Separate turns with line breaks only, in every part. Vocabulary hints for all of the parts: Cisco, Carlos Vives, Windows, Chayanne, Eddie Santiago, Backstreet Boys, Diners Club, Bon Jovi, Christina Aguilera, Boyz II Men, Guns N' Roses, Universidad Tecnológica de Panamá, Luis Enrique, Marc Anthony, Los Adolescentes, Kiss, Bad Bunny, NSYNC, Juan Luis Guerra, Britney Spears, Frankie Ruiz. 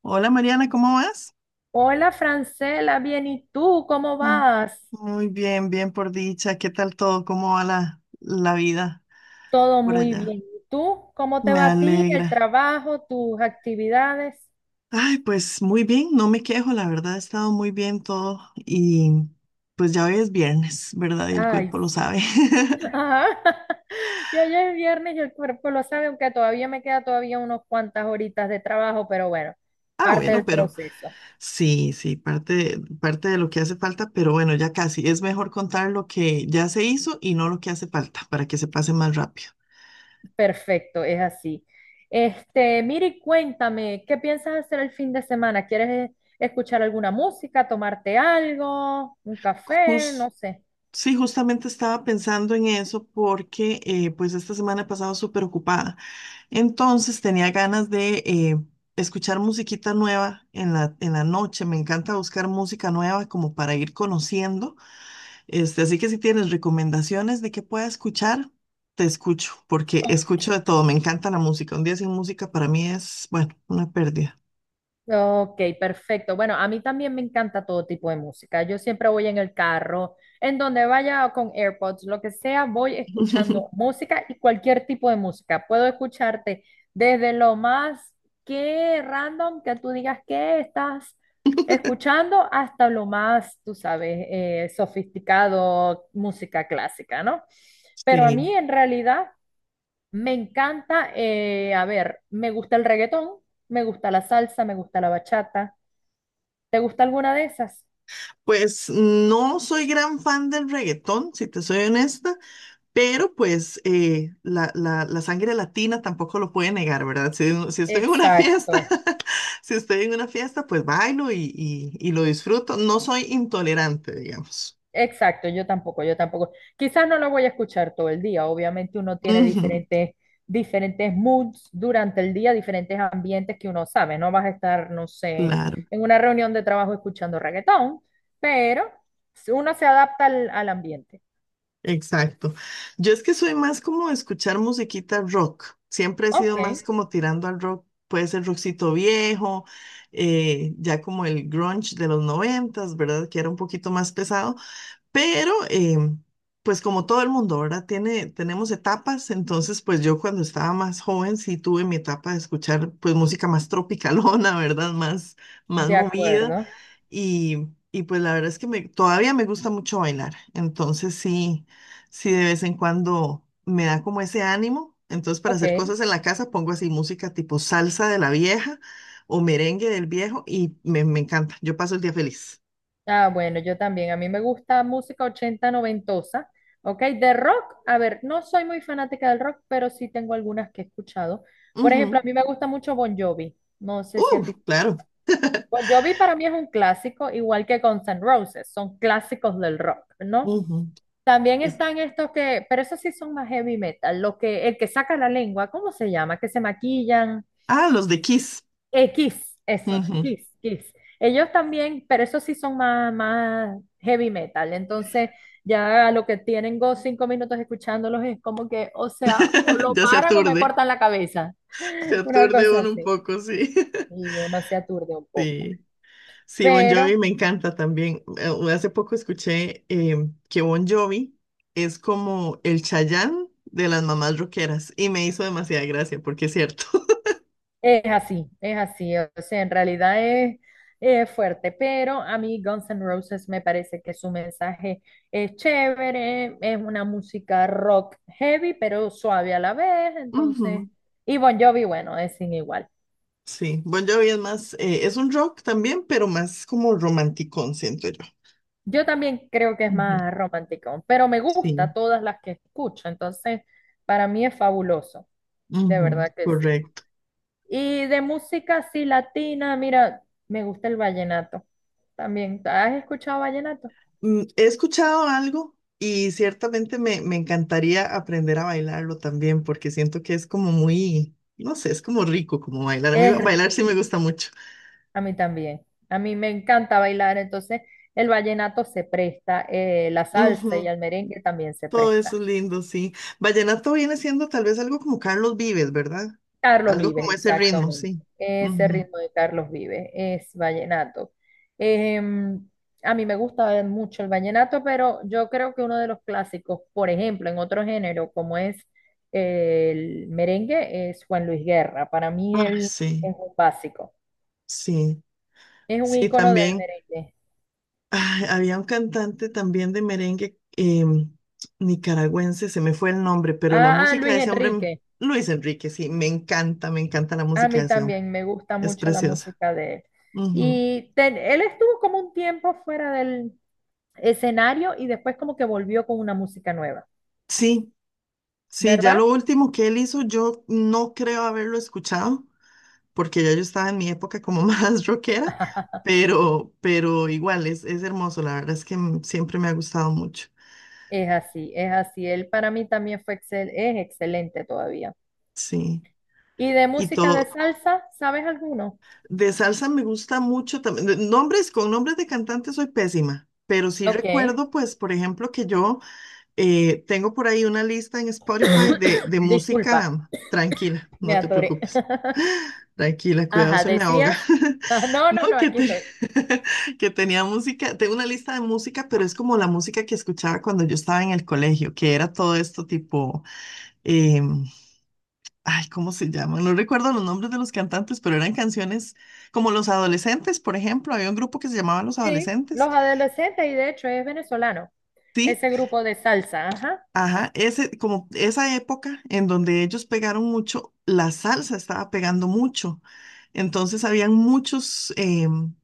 Hola Mariana, ¿cómo vas?
Hola Francela, bien, ¿y tú cómo
Mm,
vas?
Muy bien, bien por dicha. ¿Qué tal todo? ¿Cómo va la vida
Todo
por
muy
allá?
bien. ¿Y tú cómo te
Me
va a ti,
alegra.
el trabajo, tus actividades?
Ay, pues muy bien, no me quejo, la verdad ha estado muy bien todo y pues ya hoy es viernes, ¿verdad? Y el
Ay,
cuerpo lo
sí.
sabe.
Ajá. Yo ya es viernes y el cuerpo lo sabe, aunque todavía me queda todavía unas cuantas horitas de trabajo, pero bueno,
Ah,
parte
bueno,
del
pero
proceso.
sí, sí, parte de lo que hace falta, pero bueno, ya casi. Es mejor contar lo que ya se hizo y no lo que hace falta para que se pase más rápido.
Perfecto, es así. Este, Miri, cuéntame, ¿qué piensas hacer el fin de semana? ¿Quieres escuchar alguna música, tomarte algo, un café? No sé.
Sí, justamente estaba pensando en eso porque pues esta semana he pasado súper ocupada. Entonces tenía ganas de escuchar musiquita nueva en la noche. Me encanta buscar música nueva como para ir conociendo. Este, así que si tienes recomendaciones de qué pueda escuchar, te escucho porque escucho
Ok.
de todo. Me encanta la música. Un día sin música para mí es, bueno, una pérdida.
Ok, perfecto. Bueno, a mí también me encanta todo tipo de música. Yo siempre voy en el carro, en donde vaya con AirPods, lo que sea, voy escuchando música y cualquier tipo de música. Puedo escucharte desde lo más que random que tú digas que estás escuchando hasta lo más, tú sabes, sofisticado, música clásica, ¿no? Pero a mí
Sí,
en realidad... Me encanta, a ver, me gusta el reggaetón, me gusta la salsa, me gusta la bachata. ¿Te gusta alguna de esas?
pues no soy gran fan del reggaetón, si te soy honesta. Pero pues la sangre latina tampoco lo puede negar, ¿verdad? Si, si estoy en una
Exacto,
fiesta, si estoy en una fiesta, pues bailo y lo disfruto. No soy intolerante, digamos.
exacto, yo tampoco, yo tampoco. Quizás no la voy a escuchar todo el día, obviamente uno tiene
Ujú,
diferentes, diferentes moods durante el día, diferentes ambientes que uno sabe. No vas a estar, no sé,
claro,
en una reunión de trabajo escuchando reggaetón, pero uno se adapta al ambiente.
exacto. Yo es que soy más como de escuchar musiquita rock. Siempre he
Ok,
sido más como tirando al rock. Puede ser rockcito viejo, ya como el grunge de los noventas, ¿verdad? Que era un poquito más pesado. Pero, pues como todo el mundo, ¿verdad? Tenemos etapas, entonces pues yo cuando estaba más joven sí tuve mi etapa de escuchar pues música más tropicalona, ¿verdad? Más, más
de
movida
acuerdo,
y pues la verdad es que me, todavía me gusta mucho bailar, entonces sí, sí de vez en cuando me da como ese ánimo, entonces para
ok.
hacer cosas en la casa pongo así música tipo salsa de la vieja o merengue del viejo y me encanta, yo paso el día feliz.
Ah, bueno, yo también. A mí me gusta música 80 noventosa. Ok, de rock, a ver, no soy muy fanática del rock, pero sí tengo algunas que he escuchado. Por ejemplo, a
Ujú.
mí me gusta mucho Bon Jovi. No sé si a ti.
Claro.
Bon Jovi para mí es un clásico, igual que Guns N' Roses, son clásicos del rock, ¿no?
Ujú.
También
Es-
están estos que, pero esos sí son más heavy metal, lo que, el que saca la lengua, ¿cómo se llama? Que se maquillan.
Ah, los de Kiss.
Kiss, eso,
Ujú.
Kiss, Kiss. Ellos también, pero esos sí son más, más heavy metal. Entonces, ya lo que tienen go cinco minutos escuchándolos es como que, o sea, o lo
Ya se
paran o me
aturde.
cortan la cabeza.
Se
Una
aturde
cosa
uno un
así.
poco, sí.
Y uno se aturde un poco.
Sí. Sí, Bon Jovi
Pero
me encanta también. Hace poco escuché que Bon Jovi es como el Chayanne de las mamás rockeras y me hizo demasiada gracia porque es cierto.
es así, es así. O sea, en realidad es fuerte, pero a mí Guns N' Roses me parece que su mensaje es chévere, es una música rock heavy, pero suave a la vez.
Ujú.
Entonces, y Bon Jovi, bueno, es sin igual.
Sí, Bon Jovi es más, es un rock también, pero más como romanticón, siento yo.
Yo también creo que es
Ujú.
más romántico, pero me gusta
Sí,
todas las que escucho. Entonces, para mí es fabuloso, de
ujú,
verdad que sí.
correcto.
Y de música así latina, mira, me gusta el vallenato también. ¿Has escuchado vallenato?
He escuchado algo y ciertamente me, me encantaría aprender a bailarlo también porque siento que es como muy, no sé, es como rico como bailar. A mí
Es
bailar sí
rico,
me gusta mucho.
a mí también. A mí me encanta bailar, entonces el vallenato se presta, la salsa y
Ujú.
el merengue también se
Todo eso
presta.
es lindo, sí. Vallenato viene siendo tal vez algo como Carlos Vives, ¿verdad?
Carlos
Algo
Vives,
como ese ritmo,
exactamente.
sí.
Ese
Ujú.
ritmo de Carlos Vives es vallenato. Em, a mí me gusta mucho el vallenato, pero yo creo que uno de los clásicos, por ejemplo, en otro género como es el merengue, es Juan Luis Guerra. Para mí
Ah,
él
sí,
es un básico,
sí,
es un
sí,
ícono del
también.
merengue.
Ay, había un cantante también de merengue nicaragüense, se me fue el nombre, pero la
Ah,
música
Luis
de ese hombre.
Enrique.
Luis Enrique, sí, me encanta la
A
música
mí
de ese hombre,
también me gusta
es
mucho la
preciosa.
música de él.
Ujú.
Él estuvo como un tiempo fuera del escenario y después como que volvió con una música nueva,
Sí, sí, ya lo
¿verdad?
último que él hizo, yo no creo haberlo escuchado, porque ya yo estaba en mi época como más rockera, pero igual es hermoso, la verdad es que siempre me ha gustado mucho,
Es así, es así. Él para mí también es excelente todavía.
sí,
¿Y de
y
música de
todo.
salsa, sabes alguno?
De salsa me gusta mucho también. Con nombres de cantantes soy pésima, pero sí
Ok,
recuerdo, pues, por ejemplo, que yo tengo por ahí una lista en Spotify de
disculpa,
música tranquila,
me
no te
atoré.
preocupes. Tranquila, cuidado,
Ajá,
se me ahoga.
decías. Ah, no,
No,
no, no, aquí estoy.
que tenía música, tengo una lista de música, pero es como la música que escuchaba cuando yo estaba en el colegio, que era todo esto tipo em, Ay, ¿cómo se llaman? No recuerdo los nombres de los cantantes, pero eran canciones como Los Adolescentes, por ejemplo. Había un grupo que se llamaba Los
Sí,
Adolescentes.
Los Adolescentes y de hecho es venezolano,
Sí,
ese grupo de salsa, ajá.
ajá, ese, como esa época en donde ellos pegaron mucho, la salsa estaba pegando mucho. Entonces habían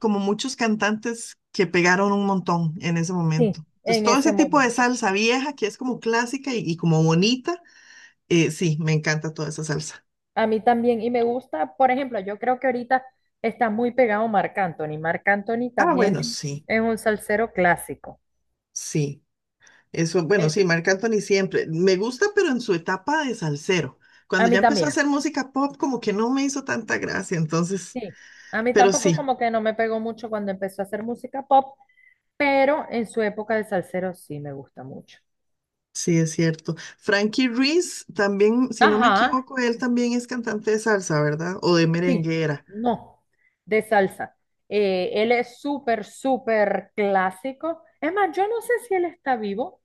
como muchos cantantes que pegaron un montón en ese
Sí,
momento. Entonces
en
todo
ese
ese tipo de
momento.
salsa vieja que es como clásica y como bonita, sí, me encanta toda esa salsa.
A mí también, y me gusta, por ejemplo, yo creo que ahorita está muy pegado Marc Anthony. Marc Anthony
Ah,
también
bueno, sí,
es un salsero clásico.
sí. Eso, bueno,
Eh,
sí, Marc Anthony siempre. Me gusta, pero en su etapa de salsero. Cuando
a mí
ya empezó a
también,
hacer música pop, como que no me hizo tanta gracia, entonces,
sí. A mí
pero
tampoco
sí,
como que no me pegó mucho cuando empezó a hacer música pop, pero en su época de salsero sí me gusta mucho.
sí es cierto. Frankie Ruiz también, si no me
Ajá,
equivoco, él también es cantante de salsa, ¿verdad? O de
sí,
merenguera.
no, de salsa. Él es súper, súper clásico. Es más, yo no sé si él está vivo.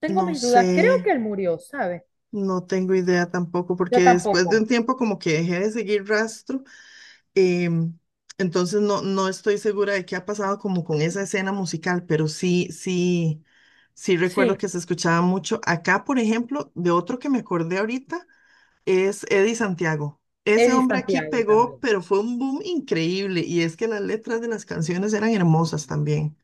Tengo
No
mis dudas. Creo que
sé,
él murió, ¿sabes?
no tengo idea tampoco, porque
Yo
después de un
tampoco.
tiempo como que dejé de seguir rastro. Em, entonces no, no estoy segura de qué ha pasado como con esa escena musical, pero sí, sí, sí recuerdo
Sí.
que se escuchaba mucho. Acá, por ejemplo, de otro que me acordé ahorita, es Eddie Santiago. Ese
Eddie
hombre aquí
Santiago
pegó,
también,
pero fue un boom increíble. Y es que las letras de las canciones eran hermosas también.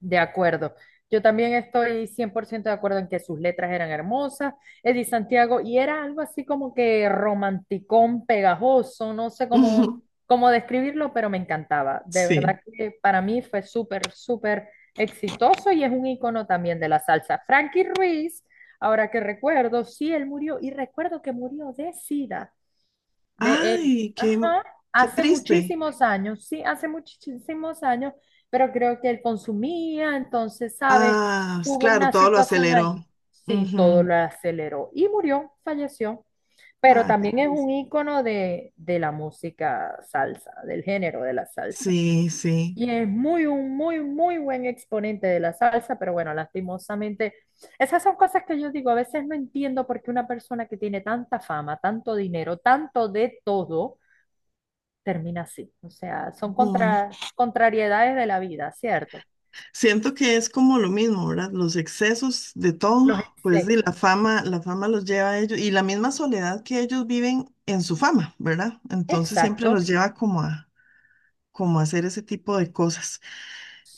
de acuerdo. Yo también estoy 100% de acuerdo en que sus letras eran hermosas. Eddie Santiago, y era algo así como que romanticón, pegajoso, no sé cómo,
Ujú.
cómo describirlo, pero me encantaba. De verdad
Sí.
que para mí fue súper, súper exitoso y es un icono también de la salsa. Frankie Ruiz, ahora que recuerdo, sí, él murió y recuerdo que murió de SIDA. De él.
Ay, qué,
Ajá.
qué
Hace
triste.
muchísimos años, sí, hace muchísimos años, pero creo que él consumía, entonces, ¿sabes?
Ah,
Hubo
claro,
una
todo lo
situación
aceleró.
ahí. Sí, todo
Ujú.
lo aceleró y murió, falleció. Pero
Ah, qué
también es
triste.
un ícono de la música salsa, del género de la salsa.
Sí, sí.
Y es muy, un muy, muy buen exponente de la salsa, pero bueno, lastimosamente, esas son cosas que yo digo, a veces no entiendo por qué una persona que tiene tanta fama, tanto dinero, tanto de todo, termina así. O sea, son
Ujú.
contra, contrariedades de la vida, ¿cierto?
Siento que es como lo mismo, ¿verdad? Los excesos de todo,
Los
pues y
excesos.
la fama, los lleva a ellos y la misma soledad que ellos viven en su fama, ¿verdad? Entonces siempre
Exacto,
los lleva como a hacer ese tipo de cosas.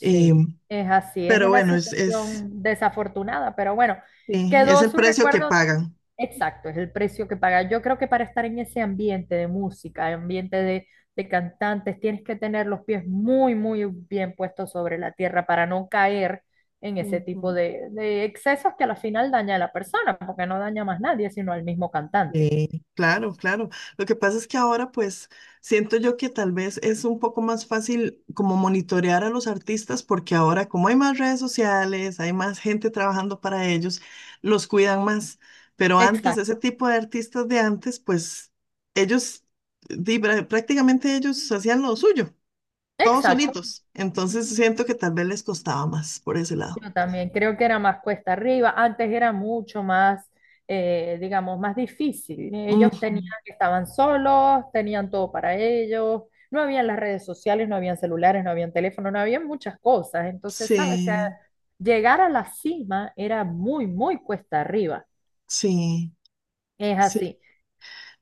Eh,
es así, es
pero
una
bueno,
situación desafortunada, pero bueno,
sí, es
quedó
el
su
precio que
recuerdo,
pagan.
exacto, es el precio que paga. Yo creo que para estar en ese ambiente de música, ambiente de cantantes, tienes que tener los pies muy, muy bien puestos sobre la tierra para no caer en ese tipo
Ujú.
de excesos que a la final daña a la persona, porque no daña más nadie, sino al mismo cantante.
Sí, claro, claro. Lo que pasa es que ahora pues siento yo que tal vez es un poco más fácil como monitorear a los artistas porque ahora como hay más redes sociales, hay más gente trabajando para ellos, los cuidan más. Pero antes, ese
Exacto.
tipo de artistas de antes, pues ellos, prácticamente ellos hacían lo suyo, todos
Exacto,
solitos. Entonces siento que tal vez les costaba más por ese lado.
yo también creo que era más cuesta arriba, antes era mucho más, digamos, más difícil. Ellos tenían,
Ujú.
estaban solos, tenían todo para ellos, no habían las redes sociales, no habían celulares, no habían teléfono, no habían muchas cosas. Entonces, ¿sabes? O sea,
Sí,
llegar a la cima era muy, muy cuesta arriba,
sí,
es
sí.
así.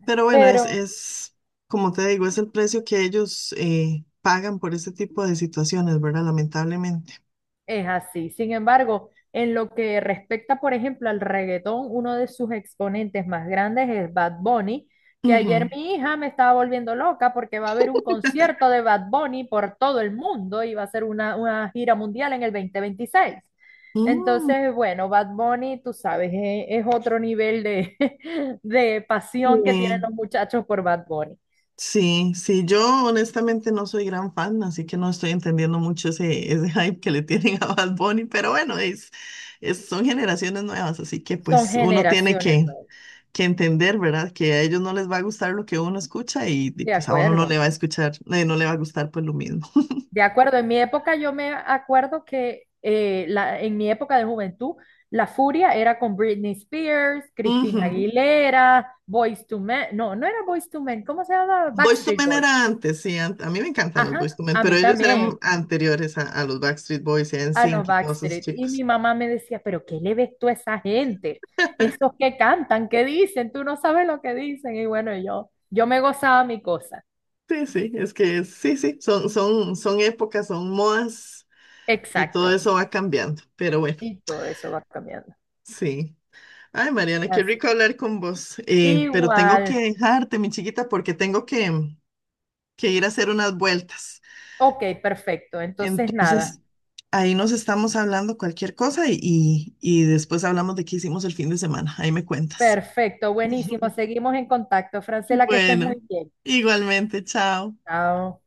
Pero bueno,
Pero
como te digo, es el precio que ellos pagan por este tipo de situaciones, ¿verdad? Lamentablemente.
es así. Sin embargo, en lo que respecta, por ejemplo, al reggaetón, uno de sus exponentes más grandes es Bad Bunny, que
Ujú.
ayer mi hija me estaba volviendo loca porque va a haber un concierto de Bad Bunny por todo el mundo y va a ser una gira mundial en el 2026.
Mm,
Entonces, bueno, Bad Bunny, tú sabes, es, otro nivel de, de pasión que tienen
sí.
los muchachos por Bad Bunny.
Sí, sí, yo honestamente no soy gran fan, así que no estoy entendiendo mucho ese hype que le tienen a Bad Bunny, pero bueno, son generaciones nuevas, así que
Son
pues uno tiene
generaciones
que,
nuevas.
que entender, ¿verdad? Que a ellos no les va a gustar lo que uno escucha
De
pues a uno no
acuerdo.
le va a escuchar, no le va a gustar pues lo mismo.
De acuerdo, en mi época yo me acuerdo que en mi época de juventud la furia era con Britney Spears, Christina Aguilera, Boyz to Men, no, no era Boyz to Men, ¿cómo se llama
Boyz II
Backstreet
Men era
Boys.
antes, sí, a mí me encantan los Boyz
Ajá,
II Men,
a
pero
mí
ellos eran
también,
anteriores a los Backstreet Boys y a
a los
NSYNC y todos esos
Backstreet. Y
chicos.
mi mamá me decía, pero ¿qué le ves tú a esa gente? Esos que cantan, ¿qué dicen? Tú no sabes lo que dicen. Y bueno, yo me gozaba mi cosa.
Sí, sí, es que sí, sí, son épocas, son modas y todo
Exacto.
eso va cambiando, pero bueno,
Y todo eso va cambiando.
sí. Ay, Mariana, qué
Así.
rico hablar con vos, pero
Igual.
tengo que dejarte, mi chiquita, porque tengo que ir a hacer unas vueltas.
Ok, perfecto. Entonces, nada.
Entonces, ahí nos estamos hablando cualquier cosa y después hablamos de qué hicimos el fin de semana. Ahí me cuentas.
Perfecto, buenísimo. Seguimos en contacto. Francela, que estés muy
Bueno,
bien.
igualmente, chao.
Chao.